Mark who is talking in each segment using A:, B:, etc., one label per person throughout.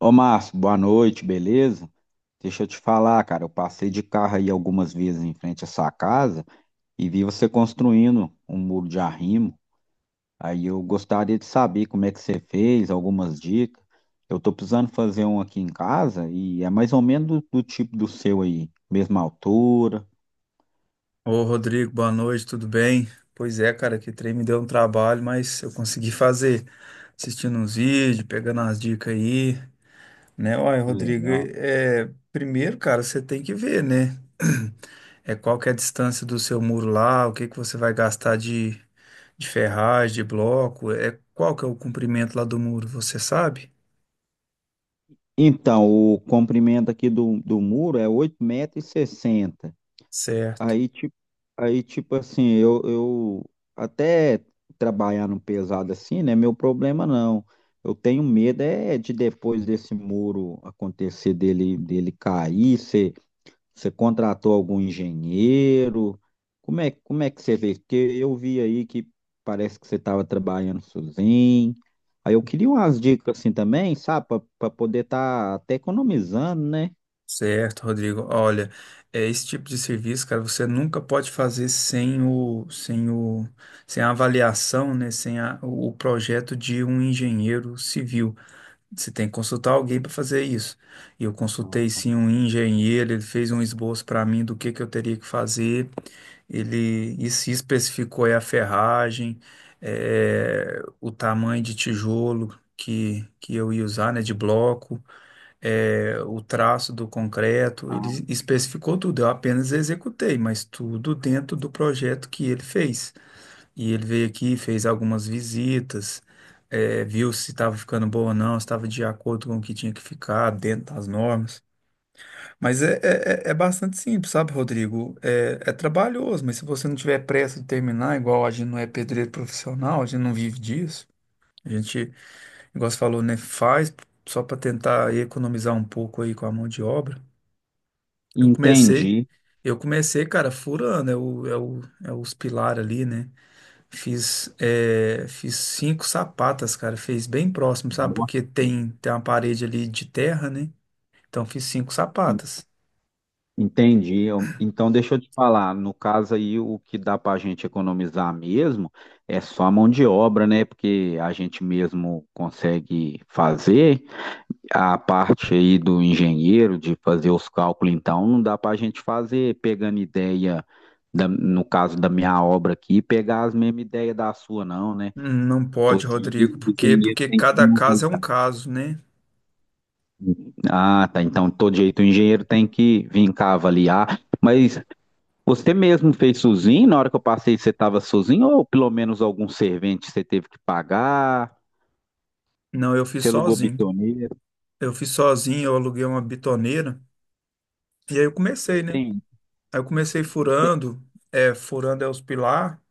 A: Ô Márcio, boa noite, beleza? Deixa eu te falar, cara, eu passei de carro aí algumas vezes em frente à sua casa e vi você construindo um muro de arrimo. Aí eu gostaria de saber como é que você fez, algumas dicas. Eu tô precisando fazer um aqui em casa e é mais ou menos do tipo do seu aí, mesma altura.
B: Ô, Rodrigo, boa noite, tudo bem? Pois é, cara, que trem me deu um trabalho, mas eu consegui fazer, assistindo uns vídeos, pegando as dicas aí, né? Olha, Rodrigo,
A: Legal.
B: primeiro, cara, você tem que ver, né? É qual que é a distância do seu muro lá, o que que você vai gastar de ferragem, de bloco, é qual que é o comprimento lá do muro, você sabe?
A: Então, o comprimento aqui do muro é 8,60 metros.
B: Certo.
A: Aí, tipo, aí, tipo assim, eu até trabalhar no pesado assim, né? Meu problema não. Eu tenho medo é de depois desse muro acontecer dele cair. Você contratou algum engenheiro? Como é que você vê? Porque eu vi aí que parece que você estava trabalhando sozinho. Aí eu queria umas dicas assim também, sabe? Para poder estar até economizando, né?
B: Certo, Rodrigo. Olha, é esse tipo de serviço, cara, você nunca pode fazer sem a avaliação, né? Sem a- O projeto de um engenheiro civil. Você tem que consultar alguém para fazer isso. E eu consultei sim um engenheiro, ele fez um esboço para mim do que eu teria que fazer. Ele se especificou aí a ferragem, o tamanho de tijolo que eu ia usar, né? De bloco o traço do concreto, ele
A: Ah,
B: especificou tudo, eu apenas executei, mas tudo dentro do projeto que ele fez. E ele veio aqui, fez algumas visitas, viu se estava ficando bom ou não, se estava de acordo com o que tinha que ficar, dentro das normas. Mas é bastante simples, sabe, Rodrigo? É, é trabalhoso, mas se você não tiver pressa de terminar, igual a gente não é pedreiro profissional, a gente não vive disso. A gente, igual você falou, né, faz só para tentar economizar um pouco aí com a mão de obra. Eu comecei,
A: entendi.
B: eu comecei, cara, furando, é o, é o, é os pilares ali, né? Fiz cinco sapatas, cara, fez bem próximo, sabe?
A: Nossa,
B: Porque tem uma parede ali de terra, né? Então fiz cinco sapatas.
A: entendi. Então, deixa eu te falar. No caso aí, o que dá para a gente economizar mesmo é só a mão de obra, né? Porque a gente mesmo consegue fazer. A parte aí do engenheiro, de fazer os cálculos, então, não dá para a gente fazer pegando ideia, no caso da minha obra aqui, pegar as mesmas ideias da sua, não, né?
B: Não pode,
A: Todo jeito
B: Rodrigo,
A: o
B: porque,
A: engenheiro
B: porque
A: tem que
B: cada
A: me
B: caso é um
A: avaliar.
B: caso, né?
A: Hum. Ah, tá. Então, todo jeito o engenheiro tem que vir cá avaliar. Mas você mesmo fez sozinho? Na hora que eu passei, você estava sozinho? Ou pelo menos algum servente você teve que pagar?
B: Não, eu fiz
A: Você alugou
B: sozinho.
A: bitoneira?
B: Eu fiz sozinho, eu aluguei uma bitoneira e aí eu comecei, né?
A: Entende?
B: Aí eu comecei
A: Entende?
B: furando, furando é os pilar,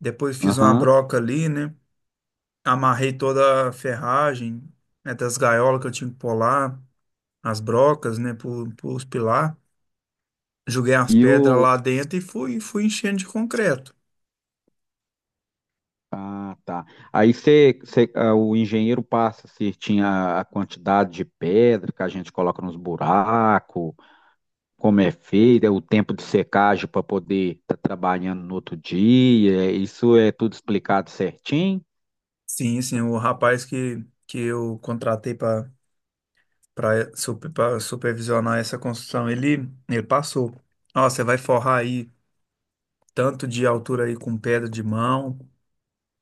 B: depois fiz uma
A: Aham.
B: broca ali, né? Amarrei toda a ferragem, né, das gaiolas que eu tinha que pular, as brocas, né, pros pilar. Joguei as
A: E
B: pedras
A: o.
B: lá dentro e fui enchendo de concreto.
A: Ah, tá. Aí você, o engenheiro passa certinho a quantidade de pedra que a gente coloca nos buracos, como é feito, é o tempo de secagem para poder estar trabalhando no outro dia. Isso é tudo explicado certinho?
B: Sim, sim, o rapaz que eu contratei para supervisionar essa construção, ele passou. Ó, você vai forrar aí tanto de altura aí com pedra de mão,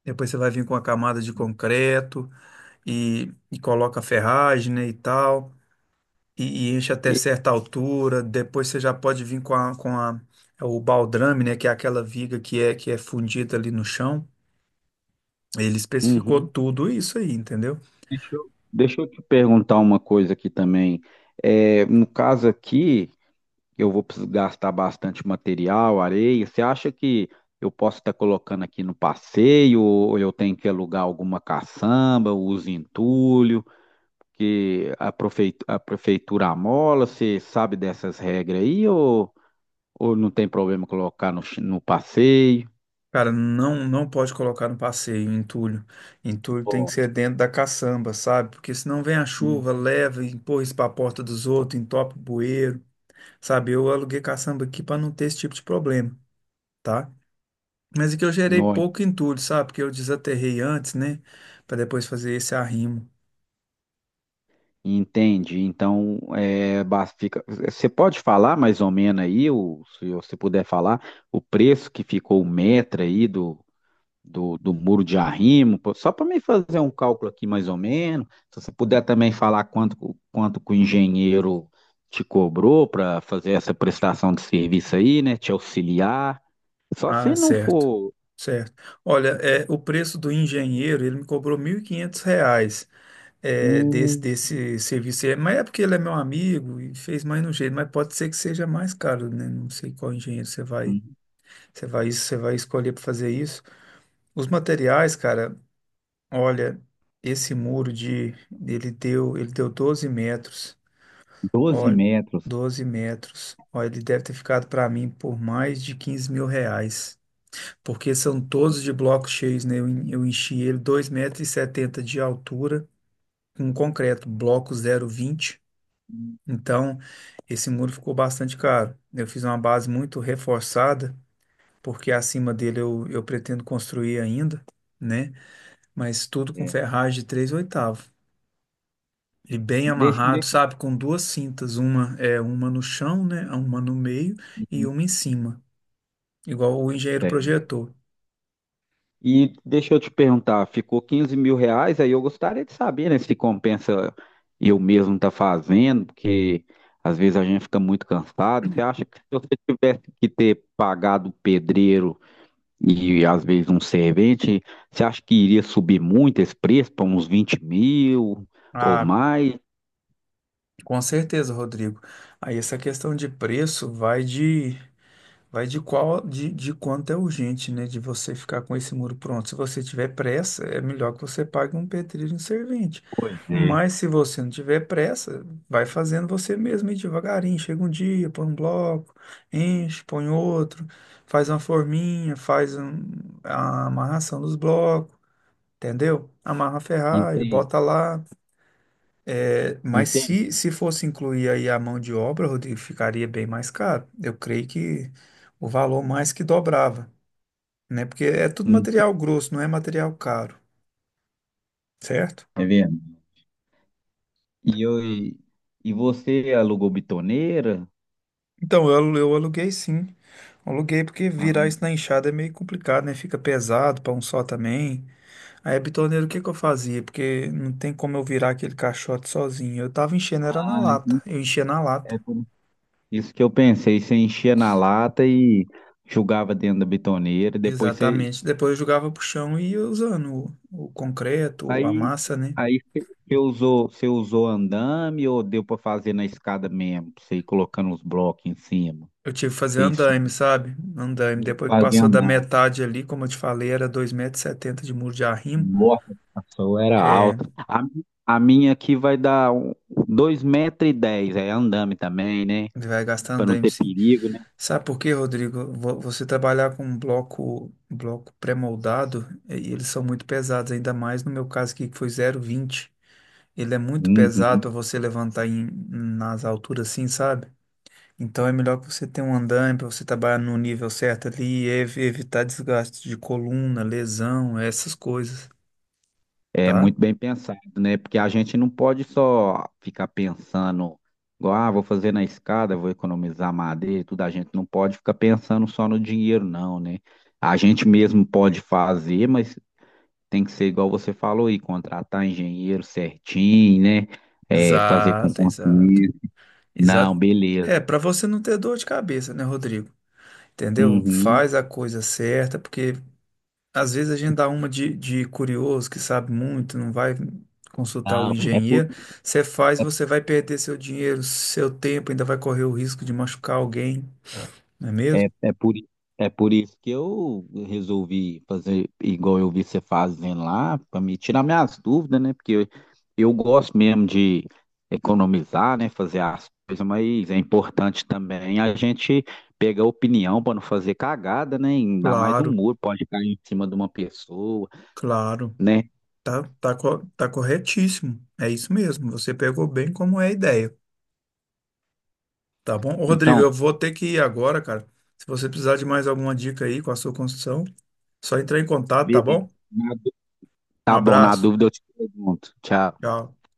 B: depois você vai vir com a camada de concreto e coloca ferragem, né, e tal. E enche até
A: E-
B: certa altura. Depois você já pode vir com é o baldrame, né? Que é aquela viga que é fundida ali no chão. Ele especificou
A: Uhum.
B: tudo isso aí, entendeu?
A: Deixa eu te perguntar uma coisa aqui também. É, no caso aqui, eu vou precisar gastar bastante material, areia. Você acha que eu posso estar colocando aqui no passeio, ou eu tenho que alugar alguma caçamba, uso entulho, que a a prefeitura amola? Você sabe dessas regras aí, ou não tem problema colocar no, no passeio?
B: Cara, não, não pode colocar no passeio, entulho. Entulho tem que
A: Ó,
B: ser dentro da caçamba, sabe? Porque senão vem a chuva,
A: uhum.
B: leva, e empurra isso para a porta dos outros, entope o bueiro, sabe? Eu aluguei caçamba aqui para não ter esse tipo de problema, tá? Mas é que eu gerei
A: Nó,
B: pouco entulho, sabe? Porque eu desaterrei antes, né? Para depois fazer esse arrimo.
A: entende? Então, é, fica, você pode falar mais ou menos aí, o, se você puder falar, o preço que ficou o metro aí do muro de arrimo, pô, só para me fazer um cálculo aqui mais ou menos. Se você puder também falar quanto que o engenheiro te cobrou para fazer essa prestação de serviço aí, né? Te auxiliar. Só
B: Ah,
A: se não
B: certo,
A: for
B: certo. Olha, o preço do engenheiro, ele me cobrou R$ 1.500
A: um,
B: desse serviço aí. Mas é porque ele é meu amigo e fez mais no jeito, mas pode ser que seja mais caro, né? Não sei qual engenheiro você vai escolher para fazer isso. Os materiais, cara, olha, esse muro de, ele deu 12 metros,
A: 12
B: olha,
A: metros.
B: 12 metros. Olha, ele deve ter ficado para mim por mais de R$ 15.000, porque
A: Hum,
B: são todos de blocos cheios, né? Eu enchi ele 2,70 m de altura, com concreto, bloco 0,20. Então, esse muro ficou bastante caro. Eu fiz uma base muito reforçada, porque acima dele eu pretendo construir ainda, né? Mas tudo com
A: É.
B: ferragem de 3/8. E bem
A: Deixa,
B: amarrado,
A: deixa.
B: sabe? Com duas cintas, uma é uma no chão, né? Uma no meio e uma em cima, igual o engenheiro projetou.
A: E deixa eu te perguntar, ficou R$ 15.000, aí eu gostaria de saber, né, se compensa eu mesmo tá fazendo, porque às vezes a gente fica muito cansado. Você acha que se você tivesse que ter pagado o pedreiro e às vezes um servente, você acha que iria subir muito esse preço para uns 20 mil ou
B: A
A: mais?
B: Com certeza, Rodrigo. Aí essa questão de preço vai de qual de quanto é urgente, né? De você ficar com esse muro pronto. Se você tiver pressa, é melhor que você pague um pedreiro em servente.
A: Pois é.
B: Mas se você não tiver pressa, vai fazendo você mesmo e devagarinho. Chega um dia, põe um bloco, enche, põe outro, faz uma forminha, a amarração dos blocos, entendeu? Amarra a ferragem,
A: Entendi,
B: bota lá. É, mas se,
A: entendi.
B: se fosse incluir aí a mão de obra, Rodrigo, ficaria bem mais caro. Eu creio que o valor mais que dobrava, né? Porque é tudo
A: Hum,
B: material grosso, não é material caro, certo?
A: Tá vendo? E você alugou bitoneira?
B: Então, eu aluguei sim. Aluguei porque virar isso na enxada é meio complicado, né? Fica pesado para um só também. Aí, a o que que eu fazia? Porque não tem como eu virar aquele caixote sozinho. Eu tava enchendo, era na
A: Ah,
B: lata. Eu enchia na lata.
A: é por isso que eu pensei, você enchia na lata e jogava dentro da bitoneira, e depois
B: Exatamente. Depois eu jogava pro chão e ia usando o concreto, a
A: aí
B: massa, né?
A: você usou, você usou andame ou deu para fazer na escada mesmo, pra você ir colocando os blocos em cima.
B: Eu tive que
A: Pra
B: fazer
A: você ir
B: andaime,
A: subindo,
B: sabe? Andaime. Depois que
A: fazer
B: passou da
A: andame.
B: metade ali, como eu te falei, era 2,70 setenta de muro de arrimo.
A: Nossa, a sua era
B: É,
A: alta. A minha aqui vai dar 2,10 metros, e dez, é andame também, né?
B: vai gastar
A: Para não
B: andaime,
A: ter
B: sim.
A: perigo, né?
B: Sabe por quê, Rodrigo? Você trabalhar com um bloco pré-moldado, e eles são muito pesados, ainda mais no meu caso aqui, que foi 0,20. Ele é muito pesado
A: Uhum.
B: para você levantar em, nas alturas assim, sabe? Então é melhor que você tenha um andaime para você trabalhar no nível certo ali evitar desgaste de coluna, lesão, essas coisas,
A: É
B: tá?
A: muito bem pensado, né? Porque a gente não pode só ficar pensando, igual, ah, vou fazer na escada, vou economizar madeira e tudo. A gente não pode ficar pensando só no dinheiro, não, né? A gente mesmo pode fazer, mas tem que ser igual você falou aí, contratar engenheiro certinho, né? É, fazer com
B: Exato, exato.
A: consciência. Não,
B: Exato.
A: beleza.
B: É, para você não ter dor de cabeça, né, Rodrigo? Entendeu?
A: Uhum.
B: Faz a coisa certa, porque às vezes a gente dá uma de curioso que sabe muito, não vai consultar o
A: Não, é por
B: engenheiro. Você faz, você vai perder seu dinheiro, seu tempo, ainda vai correr o risco de machucar alguém, não é mesmo?
A: É, é por isso que eu resolvi fazer igual eu vi você fazendo lá, para me tirar minhas dúvidas, né? Porque eu gosto mesmo de economizar, né? Fazer as coisas, mas é importante também a gente pegar opinião para não fazer cagada, né? Ainda mais um
B: Claro,
A: muro pode cair em cima de uma pessoa,
B: claro.
A: né?
B: Tá, tá, tá corretíssimo. É isso mesmo. Você pegou bem como é a ideia. Tá bom? Ô, Rodrigo,
A: Então,
B: eu vou ter que ir agora, cara. Se você precisar de mais alguma dica aí com a sua construção, só entrar em contato, tá
A: beleza.
B: bom?
A: Na dú-
B: Um
A: Tá bom, na
B: abraço.
A: dúvida eu te pergunto. Tchau.
B: Tchau.